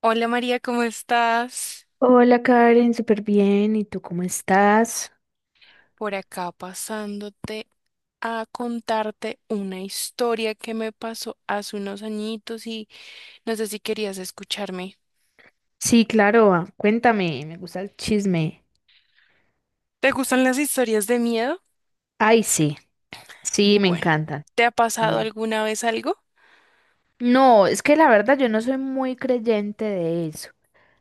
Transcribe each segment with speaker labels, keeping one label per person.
Speaker 1: Hola María, ¿cómo estás?
Speaker 2: Hola Karen, súper bien. ¿Y tú cómo estás?
Speaker 1: Por acá pasándote a contarte una historia que me pasó hace unos añitos y no sé si querías escucharme.
Speaker 2: Sí, claro, cuéntame, me gusta el chisme.
Speaker 1: ¿Te gustan las historias de miedo?
Speaker 2: Ay, sí, sí, me
Speaker 1: Bueno,
Speaker 2: encantan.
Speaker 1: ¿te ha
Speaker 2: A
Speaker 1: pasado
Speaker 2: ver.
Speaker 1: alguna vez algo?
Speaker 2: No, es que la verdad yo no soy muy creyente de eso,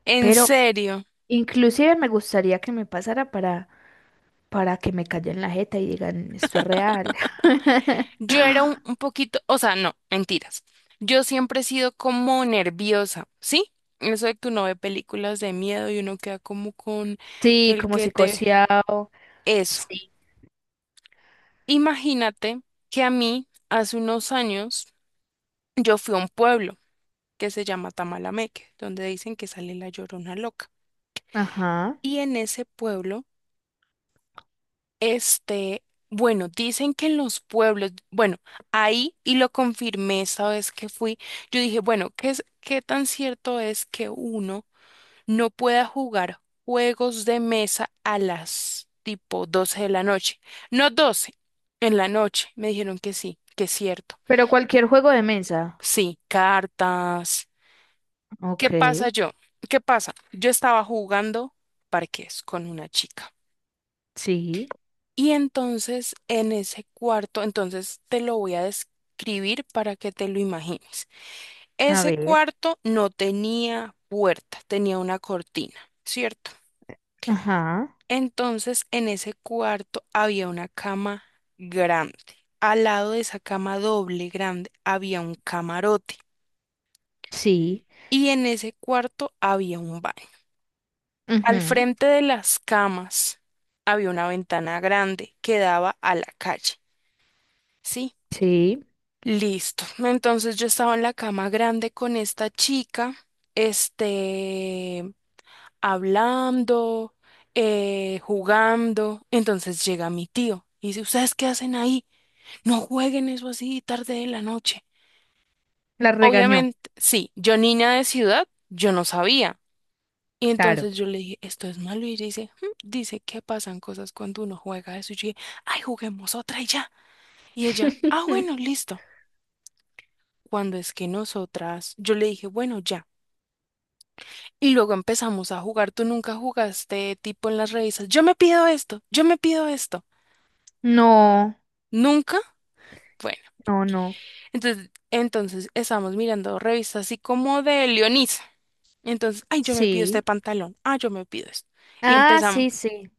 Speaker 1: En
Speaker 2: pero
Speaker 1: serio,
Speaker 2: inclusive me gustaría que me pasara para que me callen la jeta y digan, esto es real.
Speaker 1: yo era un, un poquito, o sea, no, mentiras. Yo siempre he sido como nerviosa, ¿sí? Eso de que uno ve películas de miedo y uno queda como con
Speaker 2: Sí,
Speaker 1: el
Speaker 2: como
Speaker 1: que te...
Speaker 2: psicoseado.
Speaker 1: Eso.
Speaker 2: Sí.
Speaker 1: Imagínate que a mí, hace unos años, yo fui a un pueblo que se llama Tamalameque, donde dicen que sale la Llorona Loca.
Speaker 2: Ajá.
Speaker 1: Y en ese pueblo, este, bueno, dicen que en los pueblos, bueno, ahí, y lo confirmé esa vez que fui, yo dije, bueno, ¿qué tan cierto es que uno no pueda jugar juegos de mesa a las tipo 12 de la noche? No 12 en la noche, me dijeron que sí, que es cierto.
Speaker 2: Pero cualquier juego de mesa.
Speaker 1: Sí, cartas. ¿Qué
Speaker 2: Ok,
Speaker 1: pasa yo? ¿Qué pasa? Yo estaba jugando parqués con una chica.
Speaker 2: sí,
Speaker 1: Y entonces en ese cuarto, entonces te lo voy a describir para que te lo imagines.
Speaker 2: a
Speaker 1: Ese
Speaker 2: ver.
Speaker 1: cuarto no tenía puerta, tenía una cortina, ¿cierto?
Speaker 2: Ajá.
Speaker 1: Entonces en ese cuarto había una cama grande. Al lado de esa cama doble grande había un camarote.
Speaker 2: Sí.
Speaker 1: Y en ese cuarto había un baño. Al
Speaker 2: Ujú,
Speaker 1: frente de las camas había una ventana grande que daba a la calle, ¿sí?
Speaker 2: sí.
Speaker 1: Listo. Entonces yo estaba en la cama grande con esta chica, este, hablando, jugando. Entonces llega mi tío y dice, ¿ustedes qué hacen ahí? No jueguen eso así tarde de la noche.
Speaker 2: La regañó,
Speaker 1: Obviamente, sí, yo niña de ciudad, yo no sabía. Y
Speaker 2: claro.
Speaker 1: entonces yo le dije, esto es malo. Y ella dice, "Mm, dice que pasan cosas cuando uno juega eso". Y yo dije, ay, juguemos otra y ya. Y ella, ah, bueno, listo. Cuando es que nosotras, yo le dije, bueno, ya. Y luego empezamos a jugar. Tú nunca jugaste tipo en las revistas. Yo me pido esto, yo me pido esto.
Speaker 2: No.
Speaker 1: ¿Nunca? Bueno,
Speaker 2: No, no.
Speaker 1: entonces estamos mirando revistas así como de Leonisa. Entonces, ay, yo me pido este
Speaker 2: Sí.
Speaker 1: pantalón. Ah, yo me pido esto. Y
Speaker 2: Ah,
Speaker 1: empezamos
Speaker 2: sí, sí.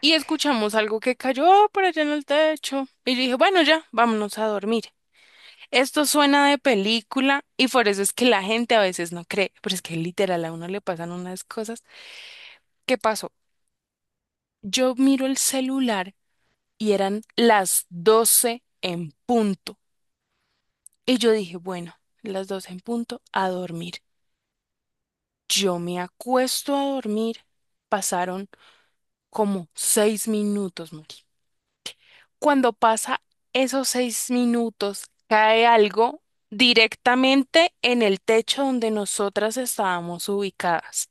Speaker 1: y escuchamos algo que cayó por allá en el techo. Y yo dije, bueno, ya, vámonos a dormir. Esto suena de película y por eso es que la gente a veces no cree, pero es que literal a uno le pasan unas cosas. ¿Qué pasó? Yo miro el celular y eran las 12 en punto. Y yo dije, bueno, las 12 en punto a dormir. Yo me acuesto a dormir. Pasaron como 6 minutos, Mari, cuando pasa esos 6 minutos, cae algo directamente en el techo donde nosotras estábamos ubicadas.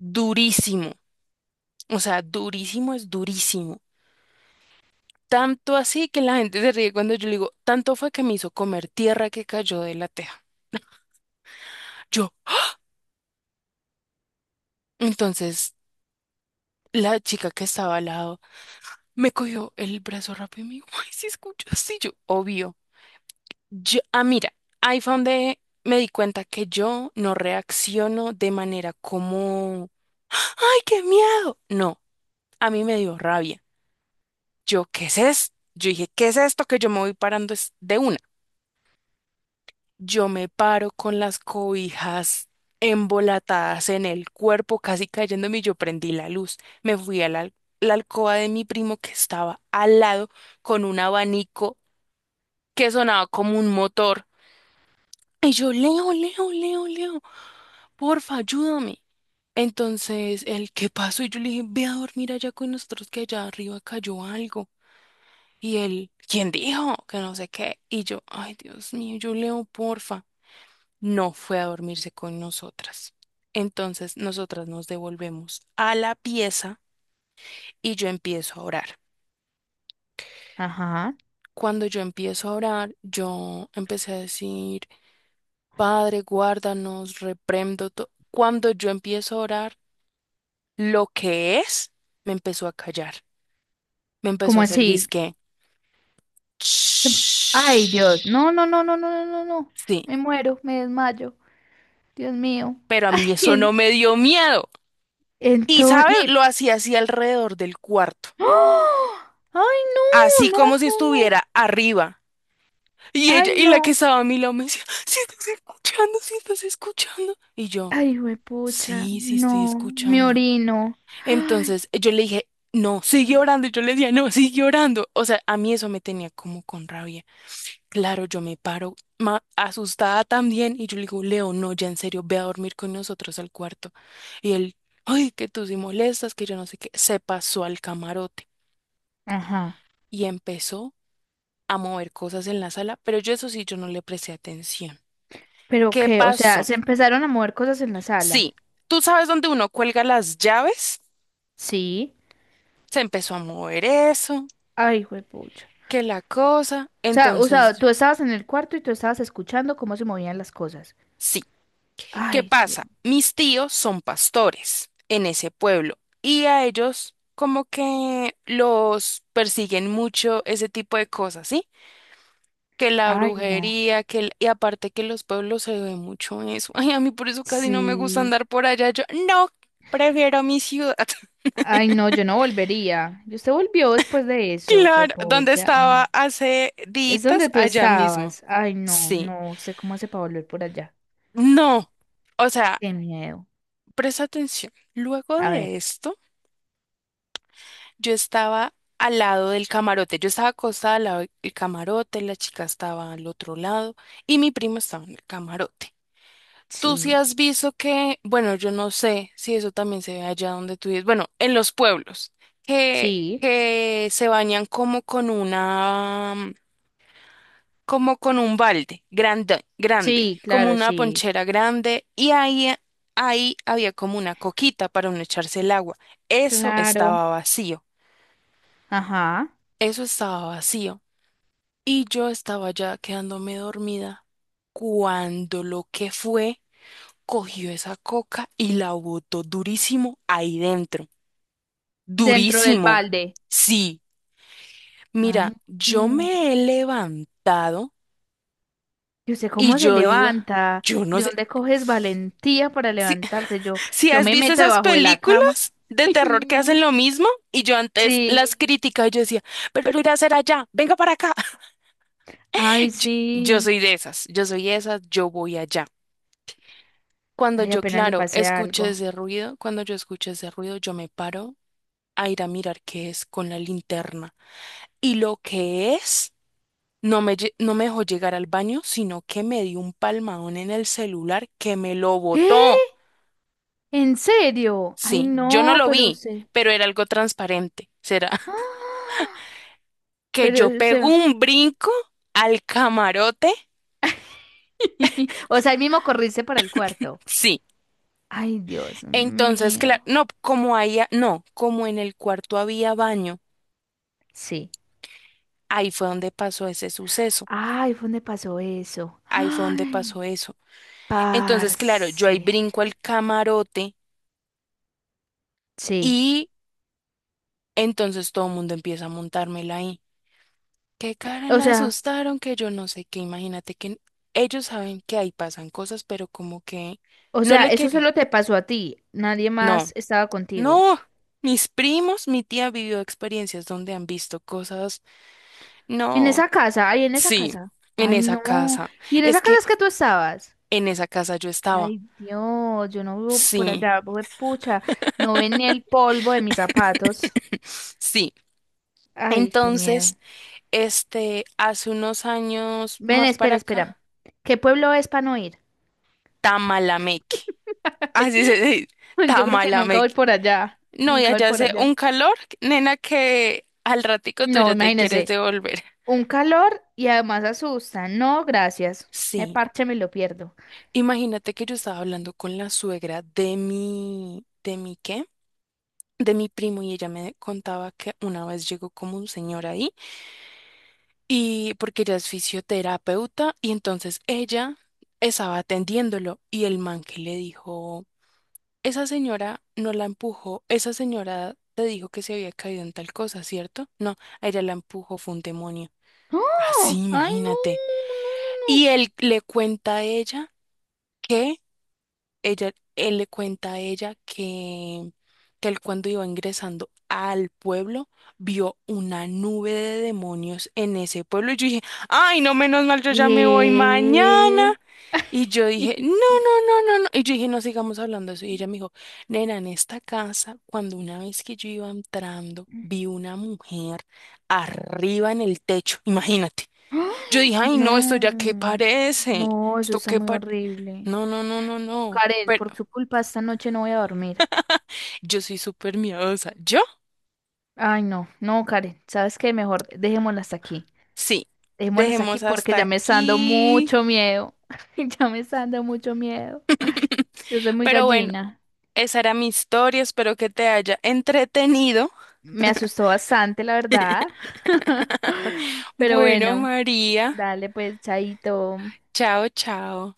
Speaker 1: Durísimo. O sea, durísimo es durísimo. Tanto así que la gente se ríe cuando yo le digo, tanto fue que me hizo comer tierra que cayó de la teja. Yo. Entonces, la chica que estaba al lado me cogió el brazo rápido y me dijo, ay, si escuchas, sí, yo, obvio. Yo, ah, mira, ahí fue donde me di cuenta que yo no reacciono de manera como, ¡ay, qué miedo! No, a mí me dio rabia. Yo, ¿qué es esto? Yo dije, ¿qué es esto que yo me voy parando es de una? Yo me paro con las cobijas embolatadas en el cuerpo, casi cayéndome, y yo prendí la luz. Me fui a la alcoba de mi primo que estaba al lado con un abanico que sonaba como un motor. Y yo, Leo, Leo, Leo, Leo, porfa, ayúdame. Entonces, él, ¿qué pasó? Y yo le dije, ve a dormir allá con nosotros que allá arriba cayó algo. Y él, ¿quién dijo? Que no sé qué. Y yo, ay, Dios mío, yo leo, porfa. No fue a dormirse con nosotras. Entonces, nosotras nos devolvemos a la pieza y yo empiezo a orar.
Speaker 2: Ajá.
Speaker 1: Cuando yo empiezo a orar, yo empecé a decir, Padre, guárdanos, reprendo todo. Cuando yo empiezo a orar, lo que es, me empezó a callar, me empezó a
Speaker 2: ¿Cómo
Speaker 1: hacer
Speaker 2: así?
Speaker 1: disque
Speaker 2: Ay, Dios.
Speaker 1: "Shh".
Speaker 2: No, no, no, no, no, no, no, no.
Speaker 1: Sí,
Speaker 2: Me muero, me desmayo. Dios mío.
Speaker 1: pero a mí eso no me dio miedo. Y, ¿sabes?
Speaker 2: Entonces...
Speaker 1: Lo hacía así alrededor del cuarto,
Speaker 2: ¡Ah! ¡Ay,
Speaker 1: así
Speaker 2: no! No,
Speaker 1: como si
Speaker 2: no, no.
Speaker 1: estuviera arriba. Y
Speaker 2: ¡Ay,
Speaker 1: ella, y la que
Speaker 2: no!
Speaker 1: estaba a mi lado me decía, si estás escuchando, si estás escuchando. Y yo,
Speaker 2: Ay, pucha.
Speaker 1: sí, sí estoy
Speaker 2: No, me
Speaker 1: escuchando.
Speaker 2: orino. Ay.
Speaker 1: Entonces yo le dije, no, sigue orando. Y yo le decía, no, sigue orando. O sea, a mí eso me tenía como con rabia. Claro, yo me paro asustada también y yo le digo, Leo, no, ya en serio, ve a dormir con nosotros al cuarto. Y él, ay, que tú sí molestas, que yo no sé qué, se pasó al camarote
Speaker 2: Ajá.
Speaker 1: y empezó a mover cosas en la sala, pero yo eso sí, yo no le presté atención.
Speaker 2: ¿Pero
Speaker 1: ¿Qué
Speaker 2: qué? O sea,
Speaker 1: pasó?
Speaker 2: se empezaron a mover cosas en la sala.
Speaker 1: Sí, tú sabes dónde uno cuelga las llaves,
Speaker 2: Sí.
Speaker 1: se empezó a mover eso,
Speaker 2: Ay, juepucha.
Speaker 1: que la cosa,
Speaker 2: O sea,
Speaker 1: entonces,
Speaker 2: tú estabas en el cuarto y tú estabas escuchando cómo se movían las cosas.
Speaker 1: sí. ¿Qué
Speaker 2: Ay, tío.
Speaker 1: pasa? Mis tíos son pastores en ese pueblo y a ellos como que los persiguen mucho ese tipo de cosas, ¿sí? Que la
Speaker 2: Ay, no.
Speaker 1: brujería, que el- y aparte que en los pueblos se ve mucho eso. Ay, a mí por eso casi no me gusta
Speaker 2: Sí.
Speaker 1: andar por allá. Yo no, prefiero mi ciudad.
Speaker 2: Ay, no, yo no volvería. Y usted volvió después de eso,
Speaker 1: Claro, donde
Speaker 2: juepucha.
Speaker 1: estaba
Speaker 2: Ay.
Speaker 1: hace
Speaker 2: Es
Speaker 1: días,
Speaker 2: donde tú
Speaker 1: allá mismo.
Speaker 2: estabas. Ay, no,
Speaker 1: Sí.
Speaker 2: no sé cómo hace para volver por allá.
Speaker 1: No. O sea,
Speaker 2: Qué miedo.
Speaker 1: presta atención. Luego
Speaker 2: A ver,
Speaker 1: de esto yo estaba al lado del camarote, yo estaba acostada al lado del camarote, la chica estaba al otro lado y mi primo estaba en el camarote. Tú sí
Speaker 2: sí,
Speaker 1: has visto que, bueno, yo no sé si eso también se ve allá donde tú vives, bueno, en los pueblos, que,
Speaker 2: sí,
Speaker 1: que se bañan como con una, como con un balde grande, grande,
Speaker 2: sí,
Speaker 1: como
Speaker 2: claro,
Speaker 1: una
Speaker 2: sí,
Speaker 1: ponchera grande y ahí, ahí había como una coquita para uno echarse el agua. Eso
Speaker 2: claro.
Speaker 1: estaba vacío,
Speaker 2: Ajá.
Speaker 1: eso estaba vacío. Y yo estaba ya quedándome dormida cuando lo que fue cogió esa coca y la botó durísimo ahí dentro.
Speaker 2: Dentro del
Speaker 1: Durísimo.
Speaker 2: balde.
Speaker 1: Sí,
Speaker 2: Ay,
Speaker 1: mira, yo
Speaker 2: no.
Speaker 1: me he levantado
Speaker 2: Y usted
Speaker 1: y
Speaker 2: cómo se
Speaker 1: yo iba,
Speaker 2: levanta,
Speaker 1: yo no
Speaker 2: de
Speaker 1: sé,
Speaker 2: dónde coges valentía para
Speaker 1: si,
Speaker 2: levantarte. Yo,
Speaker 1: si
Speaker 2: yo
Speaker 1: has
Speaker 2: me
Speaker 1: visto
Speaker 2: meto
Speaker 1: esas
Speaker 2: debajo de la cama.
Speaker 1: películas de
Speaker 2: Ay,
Speaker 1: terror que hacen
Speaker 2: no.
Speaker 1: lo mismo y yo antes las
Speaker 2: Sí.
Speaker 1: criticaba y yo decía, pero irá a hacer allá, venga para acá.
Speaker 2: Ay,
Speaker 1: Yo
Speaker 2: sí.
Speaker 1: soy de esas, yo soy de esas, yo voy allá. Cuando
Speaker 2: Ay,
Speaker 1: yo,
Speaker 2: apenas le
Speaker 1: claro,
Speaker 2: pasé
Speaker 1: escuché
Speaker 2: algo.
Speaker 1: ese ruido, cuando yo escuché ese ruido, yo me paro a ir a mirar qué es con la linterna. Y lo que es, no me, lle- no me dejó llegar al baño, sino que me dio un palmadón en el celular que me lo
Speaker 2: ¿Qué?
Speaker 1: botó.
Speaker 2: ¿En serio? Ay,
Speaker 1: Sí, yo no
Speaker 2: no,
Speaker 1: lo
Speaker 2: pero
Speaker 1: vi,
Speaker 2: usted.
Speaker 1: pero era algo transparente. ¿Será
Speaker 2: ¡Ah!
Speaker 1: que
Speaker 2: Pero
Speaker 1: yo pego
Speaker 2: usted.
Speaker 1: un brinco al camarote?
Speaker 2: O sea, ahí mismo corriste para el cuarto.
Speaker 1: Sí.
Speaker 2: Ay, Dios
Speaker 1: Entonces, claro,
Speaker 2: mío.
Speaker 1: no, como ahí, no, como en el cuarto había baño,
Speaker 2: Sí.
Speaker 1: ahí fue donde pasó ese suceso.
Speaker 2: Ay, ¿fue donde pasó eso?
Speaker 1: Ahí fue donde
Speaker 2: Ay,
Speaker 1: pasó eso. Entonces, claro, yo ahí
Speaker 2: parce.
Speaker 1: brinco al camarote
Speaker 2: Sí.
Speaker 1: y entonces todo el mundo empieza a montármela ahí. Qué cara
Speaker 2: O
Speaker 1: la
Speaker 2: sea.
Speaker 1: asustaron, que yo no sé qué. Imagínate que ellos saben que ahí pasan cosas, pero como que
Speaker 2: O
Speaker 1: no
Speaker 2: sea,
Speaker 1: le
Speaker 2: eso
Speaker 1: querían.
Speaker 2: solo te pasó a ti. Nadie
Speaker 1: No,
Speaker 2: más estaba contigo.
Speaker 1: no. Mis primos, mi tía vivió experiencias donde han visto cosas.
Speaker 2: En
Speaker 1: No,
Speaker 2: esa casa, ay, en esa
Speaker 1: sí,
Speaker 2: casa.
Speaker 1: en
Speaker 2: Ay,
Speaker 1: esa
Speaker 2: no.
Speaker 1: casa.
Speaker 2: ¿Y en
Speaker 1: Es
Speaker 2: esa casa
Speaker 1: que
Speaker 2: es que tú estabas?
Speaker 1: en esa casa yo estaba.
Speaker 2: Ay, Dios, yo no vivo por
Speaker 1: Sí,
Speaker 2: allá, hue- pucha. No ven ni el polvo de mis zapatos.
Speaker 1: sí.
Speaker 2: Ay, qué miedo.
Speaker 1: Entonces, hace unos años
Speaker 2: Ven,
Speaker 1: más para
Speaker 2: espera, espera.
Speaker 1: acá,
Speaker 2: ¿Qué pueblo es para no ir?
Speaker 1: Tamalameque. Así se dice,
Speaker 2: Yo creo que nunca voy
Speaker 1: Tamalameque.
Speaker 2: por allá.
Speaker 1: No, y
Speaker 2: Nunca voy
Speaker 1: allá
Speaker 2: por
Speaker 1: hace
Speaker 2: allá.
Speaker 1: un calor, nena, que al ratico tú
Speaker 2: No,
Speaker 1: ya te quieres
Speaker 2: imagínese.
Speaker 1: devolver.
Speaker 2: Un calor y además asusta. No, gracias. El
Speaker 1: Sí,
Speaker 2: parche me lo pierdo.
Speaker 1: imagínate que yo estaba hablando con la suegra ¿de mi qué? De mi primo y ella me contaba que una vez llegó como un señor ahí y porque ella es fisioterapeuta y entonces ella estaba atendiéndolo y el man que le dijo... Esa señora no la empujó, esa señora te dijo que se había caído en tal cosa, ¿cierto? No, a ella la empujó, fue un demonio. Así,
Speaker 2: ¡Oh! ¡Ay, no!
Speaker 1: imagínate.
Speaker 2: No, no, no.
Speaker 1: Y él le cuenta a ella que ella, él le cuenta a ella que él cuando iba ingresando al pueblo vio una nube de demonios en ese pueblo. Y yo dije, ay, no, menos mal, yo ya me voy mañana.
Speaker 2: Eh...
Speaker 1: Y yo dije, no, no, no, no, no. Y yo dije, no sigamos hablando de eso. Y ella me dijo, nena, en esta casa, cuando una vez que yo iba entrando, vi una mujer arriba en el techo. Imagínate. Yo
Speaker 2: ¡Ay!
Speaker 1: dije, ay,
Speaker 2: No,
Speaker 1: no, esto ya qué parece.
Speaker 2: no, eso
Speaker 1: Esto
Speaker 2: está
Speaker 1: qué
Speaker 2: muy
Speaker 1: parece.
Speaker 2: horrible.
Speaker 1: No, no, no, no, no.
Speaker 2: Karen, por tu culpa esta noche no voy a dormir.
Speaker 1: Yo soy súper miedosa. ¿Yo?
Speaker 2: Ay, no, no, Karen, ¿sabes qué? Mejor dejémosla hasta aquí.
Speaker 1: Sí.
Speaker 2: Dejémosla hasta aquí
Speaker 1: Dejemos
Speaker 2: porque
Speaker 1: hasta
Speaker 2: ya me está dando
Speaker 1: aquí.
Speaker 2: mucho miedo. Ya me está dando mucho miedo. Yo soy muy
Speaker 1: Pero bueno,
Speaker 2: gallina.
Speaker 1: esa era mi historia. Espero que te haya entretenido.
Speaker 2: Me asustó bastante, la verdad. Pero
Speaker 1: Bueno,
Speaker 2: bueno.
Speaker 1: María,
Speaker 2: Dale, pues, chaito.
Speaker 1: chao, chao.